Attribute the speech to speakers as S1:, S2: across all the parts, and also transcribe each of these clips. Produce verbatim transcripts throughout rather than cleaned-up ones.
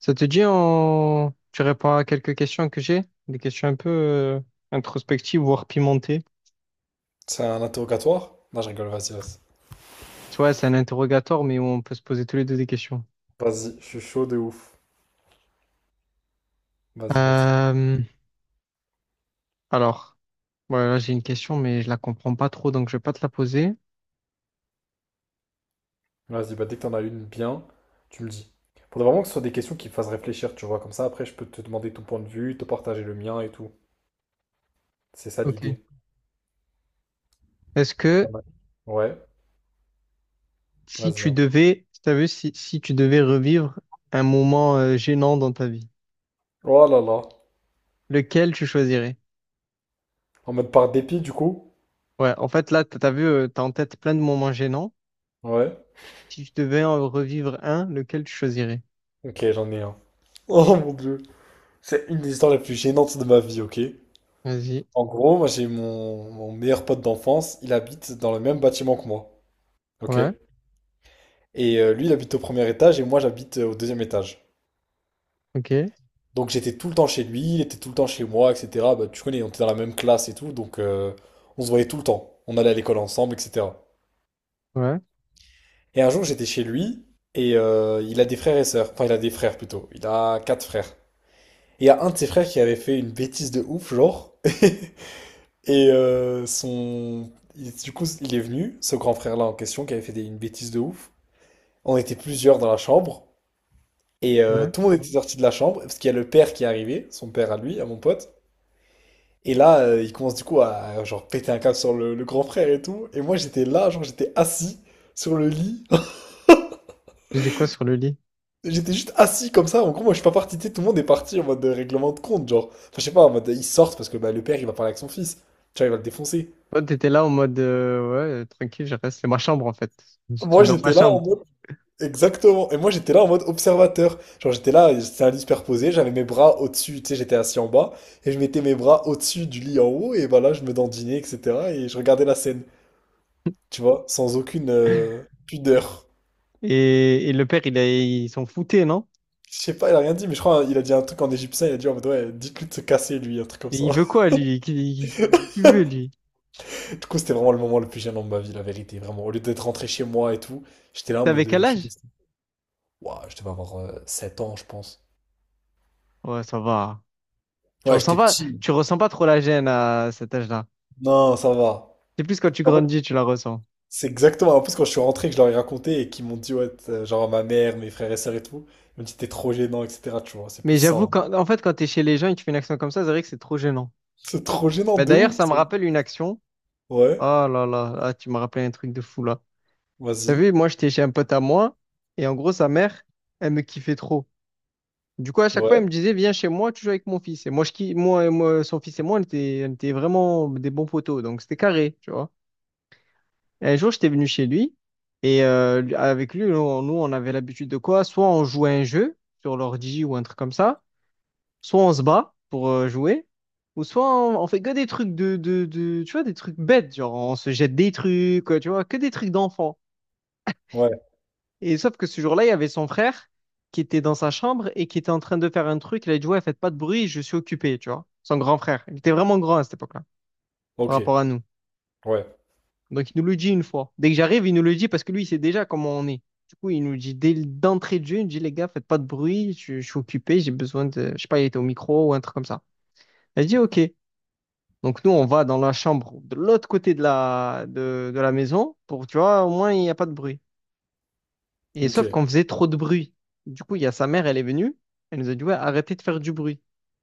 S1: Ça te dit, on... tu réponds à quelques questions que j'ai, des questions un peu euh, introspectives, voire pimentées.
S2: C'est un interrogatoire? Non, je rigole, vas-y, vas-y.
S1: Tu vois, c'est un interrogatoire, mais où on peut se poser tous les deux des questions.
S2: Vas-y, je suis chaud de ouf. Vas-y, vas-y.
S1: Euh, Alors, voilà, j'ai une question, mais je la comprends pas trop, donc je vais pas te la poser.
S2: Vas-y, bah, dès que t'en as une bien, tu me dis. Faudrait vraiment que ce soit des questions qui me fassent réfléchir, tu vois. Comme ça, après, je peux te demander ton point de vue, te partager le mien et tout. C'est ça
S1: Ok.
S2: l'idée.
S1: Est-ce
S2: Pas
S1: que
S2: mal. Ouais,
S1: si
S2: vas-y,
S1: tu
S2: hein.
S1: devais, t'as vu, si, si tu devais revivre un moment euh, gênant dans ta vie,
S2: Oh là là.
S1: lequel tu choisirais?
S2: En mode par dépit, du coup?
S1: Ouais, en fait, là, t'as t'as vu, euh, t'as en tête plein de moments gênants.
S2: Ouais.
S1: Si tu devais en revivre un, lequel tu choisirais?
S2: Ok, j'en ai un. Oh mon Dieu. C'est une des histoires les plus gênantes de ma vie, ok?
S1: Vas-y.
S2: En gros, moi, j'ai mon, mon meilleur pote d'enfance. Il habite dans le même bâtiment que moi. Ok?
S1: Ouais.
S2: Et euh, lui, il habite au premier étage et moi, j'habite euh, au deuxième étage.
S1: Ok,
S2: Donc j'étais tout le temps chez lui, il était tout le temps chez moi, etcétéra. Bah, tu connais, on était dans la même classe et tout, donc euh, on se voyait tout le temps. On allait à l'école ensemble, etcétéra.
S1: ouais,
S2: Et un jour, j'étais chez lui et euh, il a des frères et sœurs. Enfin, il a des frères plutôt. Il a quatre frères. Et il y a un de ses frères qui avait fait une bêtise de ouf, genre. Et euh, son... il- du coup, il est venu, ce grand frère-là en question, qui avait fait des- une bêtise de ouf. On était plusieurs dans la chambre. Et euh,
S1: ouais.
S2: tout le monde était sorti de la chambre, parce qu'il y a le père qui est arrivé, son père à lui, à mon pote. Et là, euh, il commence du coup à genre péter un câble sur le, le grand frère et tout. Et moi, j'étais là, genre j'étais assis sur le lit.
S1: Tu faisais quoi sur le lit?
S2: J'étais juste assis comme ça. En gros, moi, je suis pas parti, tu sais. Tout le monde est parti en mode de règlement de compte, genre. Enfin, je sais pas, en mode ils sortent parce que bah, le père, il va parler avec son fils. Tu vois, il va le défoncer.
S1: Toi, t'étais là en mode, euh, ouais, euh, tranquille, je reste, c'est ma chambre en fait. Je
S2: Moi,
S1: suis dans ma
S2: j'étais là en
S1: chambre.
S2: mode. Exactement. Et moi, j'étais là en mode observateur. Genre, j'étais là, c'était un lit superposé, j'avais mes bras au-dessus, tu sais, j'étais assis en bas, et je mettais mes bras au-dessus du lit en haut, et voilà, je me dandinais, etcétéra. Et je regardais la scène, tu vois, sans aucune euh, pudeur.
S1: Et, et le père, il a, il s'en foutait, non?
S2: Je sais pas, il a rien dit, mais je crois il a dit un truc en égyptien, il a dit en mode, ouais, dites-lui de se casser, lui, un truc comme
S1: Et
S2: ça.
S1: il veut quoi, lui? Qu'est-ce qu'il veut, lui?
S2: Du coup, c'était vraiment le moment le plus gênant de ma vie, la vérité, vraiment. Au lieu d'être rentré chez moi et tout, j'étais là en
S1: T'avais
S2: mode, euh,
S1: quel
S2: je suis
S1: âge?
S2: resté. Ouah, je devais avoir euh, sept ans, je pense.
S1: Ouais, ça va. Tu
S2: Ouais,
S1: ressens
S2: j'étais
S1: pas,
S2: petit.
S1: tu ressens pas trop la gêne à cet âge-là.
S2: Non, ça va.
S1: C'est plus quand tu
S2: En fait,
S1: grandis, tu la ressens.
S2: c'est exactement. En plus, quand je suis rentré, que je leur ai raconté et qu'ils m'ont dit, ouais, t'as- genre à ma mère, mes frères et sœurs et tout, ils m'ont dit, t'es trop gênant, etcétéra. Tu vois, c'est plus
S1: Mais
S2: ça,
S1: j'avoue,
S2: hein.
S1: quand, en fait, quand t'es chez les gens et que tu fais une action comme ça, c'est vrai que c'est trop gênant.
S2: C'est trop gênant
S1: Bah,
S2: de
S1: d'ailleurs,
S2: ouf.
S1: ça me
S2: c'est-
S1: rappelle une action. Oh
S2: Ouais,
S1: là là, ah, tu me rappelles un truc de fou là. T'as
S2: vas-y.
S1: vu, moi, j'étais chez un pote à moi, et en gros, sa mère, elle me kiffait trop. Du coup, à chaque fois,
S2: Ouais,
S1: elle me disait, viens chez moi, tu joues avec mon fils. Et moi, je, ki- moi, et moi, son fils et moi, on était, on était vraiment des bons potos, donc c'était carré, tu vois. Et un jour, j'étais venu chez lui, et euh, lui- avec lui, nous, on nous, on avait l'habitude de quoi? Soit on jouait à un jeu sur l'ordi ou un truc comme ça, soit on se bat pour euh, jouer, ou soit on, on fait que des trucs de, de, de, tu vois, des trucs bêtes, genre on se jette des trucs, euh, tu vois, que des trucs d'enfant.
S2: ouais,
S1: Et sauf que ce jour-là, il y avait son frère qui était dans sa chambre et qui était en train de faire un truc. Il a dit, ouais, faites pas de bruit, je suis occupé, tu vois. Son grand frère. Il était vraiment grand à cette époque-là, par
S2: ok,
S1: rapport à nous.
S2: ouais,
S1: Donc, il nous le dit une fois. Dès que j'arrive, il nous le dit parce que lui, il sait déjà comment on est. Du coup, il nous dit dès d'entrée de jeu, il nous dit, les gars, faites pas de bruit, je, je suis occupé, j'ai besoin de, je sais pas, il était au micro ou un truc comme ça. Elle dit, OK. Donc, nous, on va dans la chambre de l'autre côté de la, de, de la maison pour, tu vois, au moins, il n'y a pas de bruit. Et
S2: ok.
S1: sauf qu'on faisait trop de bruit. Du coup, il y a sa mère, elle est venue, elle nous a dit, ouais, arrêtez de faire du bruit.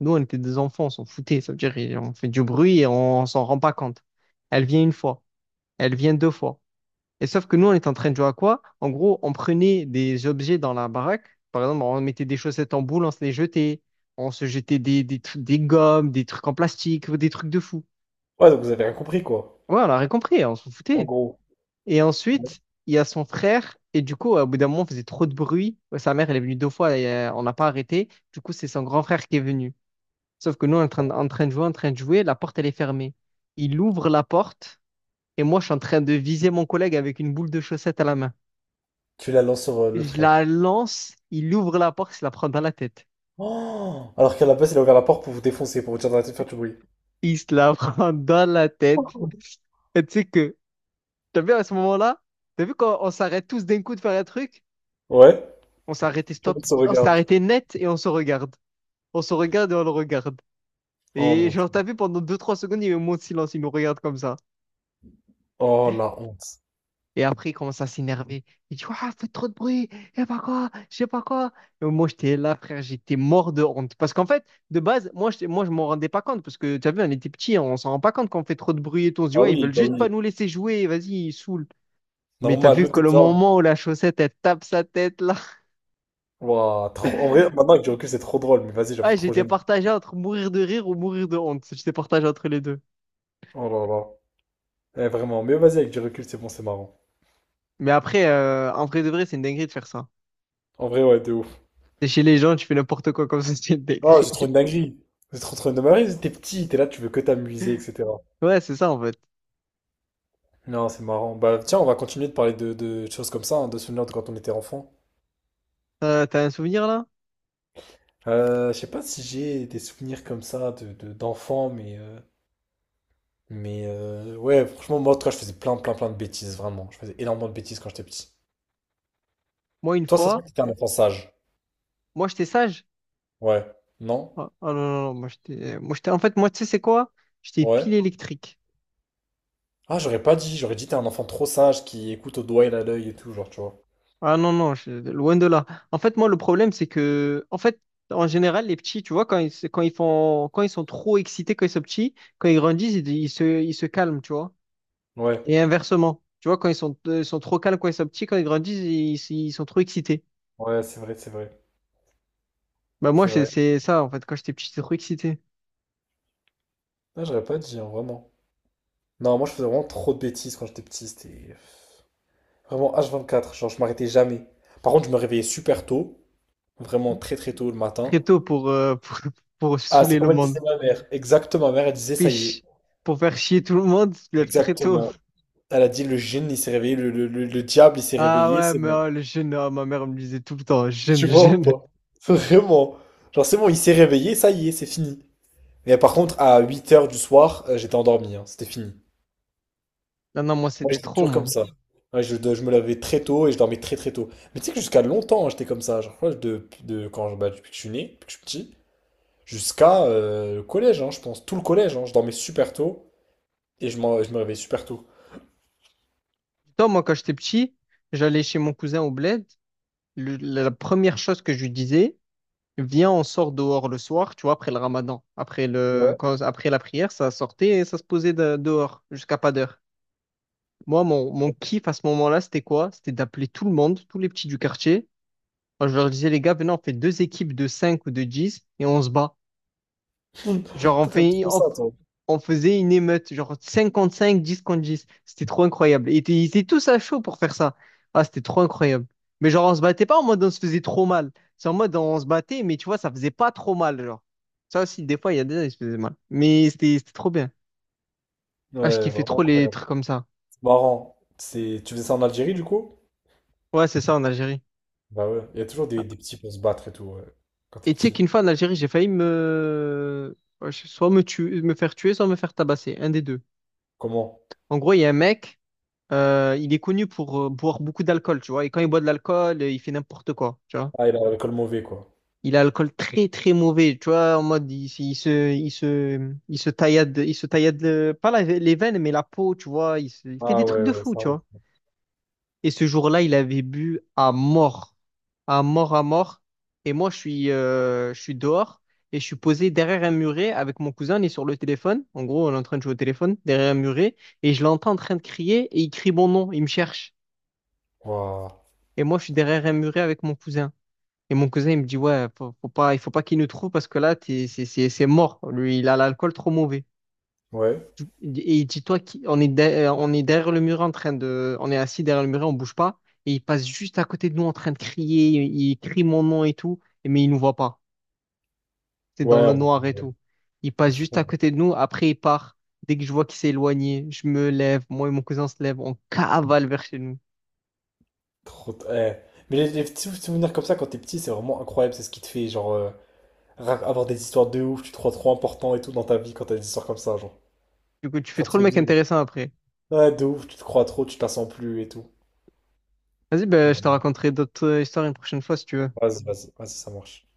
S1: Nous, on était des enfants, on s'en foutait, ça veut dire on fait du bruit et on s'en rend pas compte. Elle vient une fois, elle vient deux fois. Et sauf que nous, on était en train de jouer à quoi? En gros, on prenait des objets dans la baraque. Par exemple, on mettait des chaussettes en boule, on se les jetait. On se jetait des, des, trucs- des gommes, des trucs en plastique, des trucs de fou.
S2: Ouais, donc vous avez rien compris, quoi.
S1: Ouais, on a rien compris, on s'en
S2: En
S1: foutait.
S2: gros,
S1: Et
S2: ouais.
S1: ensuite, il y a son frère. Et du coup, au bout d'un moment, on faisait trop de bruit. Ouais, Sa mère, elle est venue deux fois et euh, on n'a pas arrêté. Du coup, c'est son grand frère qui est venu. Sauf que nous, on est en train, de- en train de jouer, en train de jouer, la porte, elle est fermée. Il ouvre la porte et moi, je suis en train de viser mon collègue avec une boule de chaussette à la main.
S2: Tu la lances sur euh, le
S1: Je
S2: frère.
S1: la lance, il ouvre la porte, il se la prend dans la tête.
S2: Oh, alors qu'à la base, il a ouvert la porte pour vous défoncer, pour vous dire d'arrêter de faire du bruit.
S1: Il se la prend dans la tête. Et tu sais que, t'as vu à ce moment-là, t'as vu quand on s'arrête tous d'un coup de faire un truc?
S2: Ouais,
S1: On s'est arrêté
S2: tout le
S1: stop,
S2: monde se
S1: on s'est
S2: regarde.
S1: arrêté net et on se regarde. On se regarde et on le regarde.
S2: Oh
S1: Et
S2: mon Dieu.
S1: genre, t'as vu, pendant deux trois secondes, il y a eu un moment de silence, il nous regarde comme ça.
S2: Oh la honte.
S1: Et après, il commence à s'énerver. Il dit, Ouah, faites trop de bruit, et pas quoi, je sais pas quoi. Et moi, j'étais là, frère, j'étais mort de honte. Parce qu'en fait, de base, moi, je, moi, je m'en rendais pas compte. Parce que, t'as vu, on était petits, on s'en rend pas compte quand on fait trop de bruit et tout. On se dit,
S2: Ah
S1: ouais, ils
S2: oui,
S1: veulent
S2: bah
S1: juste pas
S2: oui.
S1: nous laisser jouer, vas-y, ils saoulent. Mais t'as
S2: Normal,
S1: vu
S2: le
S1: que
S2: truc.
S1: le moment où la chaussette, elle tape sa tête, là.
S2: Ouah, trop- en vrai, maintenant avec du recul, c'est trop drôle, mais vas-y, j'avoue,
S1: Ah,
S2: trop
S1: j'étais
S2: gênant.
S1: partagé entre mourir de rire ou mourir de honte. J'étais partagé entre les deux.
S2: Oh là là. Eh, vraiment, mais vas-y, avec du recul, c'est bon, c'est marrant.
S1: Mais après, euh, en vrai de vrai, c'est une dinguerie de faire ça.
S2: En vrai, ouais, de ouf.
S1: T'es chez les gens, tu fais n'importe quoi comme ça, c'est
S2: Oh,
S1: décrit.
S2: c'est trop une dinguerie. C'est trop trop une dinguerie. T'es petit, t'es là, tu veux que t'amuser, etcétéra.
S1: Ouais, c'est ça en fait.
S2: Non, c'est marrant. Bah, tiens, on va continuer de parler de, de choses comme ça, hein, de souvenirs de quand on était enfant.
S1: Euh, t'as un souvenir là?
S2: Euh, je sais pas si j'ai des souvenirs comme ça de, de- d'enfant, mais, euh, mais euh, ouais, franchement, moi, en tout cas, je faisais plein, plein, plein de bêtises, vraiment. Je faisais énormément de bêtises quand j'étais petit.
S1: Moi, une
S2: Toi, ça se voit
S1: fois,
S2: que t'étais un enfant sage.
S1: moi j'étais sage.
S2: Ouais. Non?
S1: Ah ah non, non, non, moi j'étais. Moi j'étais. En fait, moi, tu sais, c'est quoi? J'étais
S2: Ouais.
S1: pile électrique.
S2: Ah, j'aurais pas dit, j'aurais dit t'es un enfant trop sage qui écoute au doigt et à l'œil et tout, genre, tu vois.
S1: Ah non, non, je- loin de là. En fait, moi, le problème, c'est que. En fait, en général, les petits, tu vois, quand ils, se- quand ils font... quand ils sont trop excités, quand ils sont petits, quand ils grandissent, ils, ils se... ils se calment, tu vois.
S2: Ouais,
S1: Et inversement. Tu vois, quand ils sont, euh, ils sont trop calmes, quand ils sont petits, quand ils grandissent, ils ils sont trop excités.
S2: ouais, c'est vrai, c'est vrai,
S1: Bah moi
S2: c'est
S1: c'est
S2: vrai.
S1: c'est ça en fait quand j'étais petit j'étais trop excité.
S2: Ah, j'aurais pas dit, hein, vraiment. Non, moi je faisais vraiment trop de bêtises quand j'étais petit, c'était vraiment h vingt quatre, genre je m'arrêtais jamais. Par contre, je me réveillais super tôt, vraiment très très tôt le matin.
S1: Très tôt pour, euh, pour, pour
S2: Ah, c'est
S1: saouler le
S2: comme elle
S1: monde.
S2: disait ma mère, exactement, ma mère elle disait ça y est,
S1: Fiche. Pour faire chier tout le monde, tu te lèves très tôt.
S2: exactement. Elle a dit le djinn il s'est réveillé, le, le- le- le diable il s'est
S1: Ah
S2: réveillé,
S1: ouais,
S2: c'est
S1: mais
S2: bon.
S1: oh, le jeune, oh, ma mère me disait tout le temps, jeune,
S2: Tu vois ou
S1: jeune.
S2: pas? Vraiment. Genre c'est bon, il s'est réveillé, ça y est, c'est fini. Mais par contre, à huit heures du soir, euh, j'étais endormi, hein, c'était fini.
S1: Non, non, moi
S2: Moi,
S1: c'était
S2: j'étais
S1: trop,
S2: toujours comme
S1: moi.
S2: ça. Ouais, je, je me lavais très tôt et je dormais très très tôt. Mais tu sais que jusqu'à longtemps, hein, j'étais comme ça. Genre, je crois que de, de, quand, bah, depuis que je suis né, depuis que je suis petit, jusqu'à euh, le collège, hein, je pense. Tout le collège, hein, je dormais super tôt et je, m'en- je me réveillais super tôt.
S1: Toi, moi, quand j'étais petit, j'allais chez mon cousin au bled. Le- la première chose que je lui disais, Viens, on sort dehors le soir, tu vois, après le ramadan. Après le,
S2: Ouais.
S1: quand- après la prière, ça sortait et ça se posait de- dehors jusqu'à pas d'heure. Moi, mon, mon kiff à ce moment-là, c'était quoi? C'était d'appeler tout le monde, tous les petits du quartier. Moi, je leur disais, les gars, venez, on fait deux équipes de cinq ou de dix et on se bat.
S2: Toi,
S1: Genre, on
S2: t'as un petit
S1: fait,
S2: peu
S1: on,
S2: ça, toi.
S1: on faisait une émeute, genre cinquante-cinq, dix contre dix. C'était trop incroyable. Et ils étaient tous à chaud pour faire ça. Ah, c'était trop incroyable. Mais genre, on se battait pas en mode on se faisait trop mal. C'est en mode on se battait, mais tu vois, ça faisait pas trop mal, genre. Ça aussi, des fois, il y a des gens qui se faisaient mal. Mais c'était c'était trop bien. Ah, je
S2: Ouais,
S1: kiffais
S2: vraiment
S1: trop les
S2: incroyable.
S1: trucs comme ça.
S2: C'est marrant. C'est... Tu faisais ça en Algérie, du coup?
S1: Ouais, c'est ça en Algérie.
S2: Bah ouais, il y a toujours des, des petits pour se battre et tout, ouais, quand t'es
S1: Et tu sais
S2: petit.
S1: qu'une fois en Algérie, j'ai failli me... Soit me tuer, me faire tuer, soit me faire tabasser. Un des deux.
S2: Comment?
S1: En gros, il y a un mec Euh, il est connu pour euh, boire beaucoup d'alcool, tu vois. Et quand il boit de l'alcool, euh, il fait n'importe quoi, tu vois.
S2: Ah, il a le col mauvais, quoi.
S1: Il a l'alcool très très mauvais, tu vois. En mode, il, se, il se, il se, il se taillade, il se taillade euh, pas la- les veines, mais la peau, tu vois. Il, se- il fait des
S2: Ah
S1: trucs
S2: ouais,
S1: de
S2: ouais,
S1: fou,
S2: ça.
S1: tu vois. Et ce jour-là, il avait bu à mort, à mort, à mort. Et moi, je suis, euh, je suis dehors et je suis posé derrière un muret avec mon cousin. On est sur le téléphone. En gros, on est en train de jouer au téléphone derrière un muret et je l'entends en train de crier et il crie mon nom, il me cherche.
S2: Waouh.
S1: Et moi, je suis derrière un muret avec mon cousin. Et mon cousin, il me dit, ouais, faut, faut pas, il faut pas qu'il nous trouve parce que là, t'es- c'est c'est- c'est mort. Lui, il a l'alcool trop mauvais.
S2: Ouais.
S1: Et il dit, toi, qui- on est, de- euh, on est derrière le muret en train de, on est assis derrière le muret, on bouge pas. Et il passe juste à côté de nous en train de crier. Il crie mon nom et tout, et- mais il nous voit pas. C'est dans
S2: Ouais,
S1: le
S2: en mode,
S1: noir et
S2: euh,
S1: tout. Il
S2: les
S1: passe juste
S2: frères,
S1: à côté de nous. Après, il part. Dès que je vois qu'il s'est éloigné, je me lève. Moi et mon cousin se lève. On cavale vers chez nous.
S2: trop... t- eh. Mais les, les petits souvenirs comme ça, quand t'es petit, c'est vraiment incroyable. C'est ce qui te fait, genre, euh, ra- avoir des histoires de ouf. Tu te crois trop important et tout dans ta vie quand t'as des histoires comme ça, genre.
S1: Du coup, tu fais
S2: Ça te
S1: trop le
S2: fait
S1: mec
S2: vivre.
S1: intéressant après.
S2: Ouais, de ouf, tu te crois trop, tu te la sens plus et tout.
S1: Vas-y, ben,
S2: Ah,
S1: je
S2: non,
S1: te
S2: non.
S1: raconterai d'autres euh, histoires une prochaine fois si tu veux.
S2: Vas-y, vas-y, vas-y, ça marche.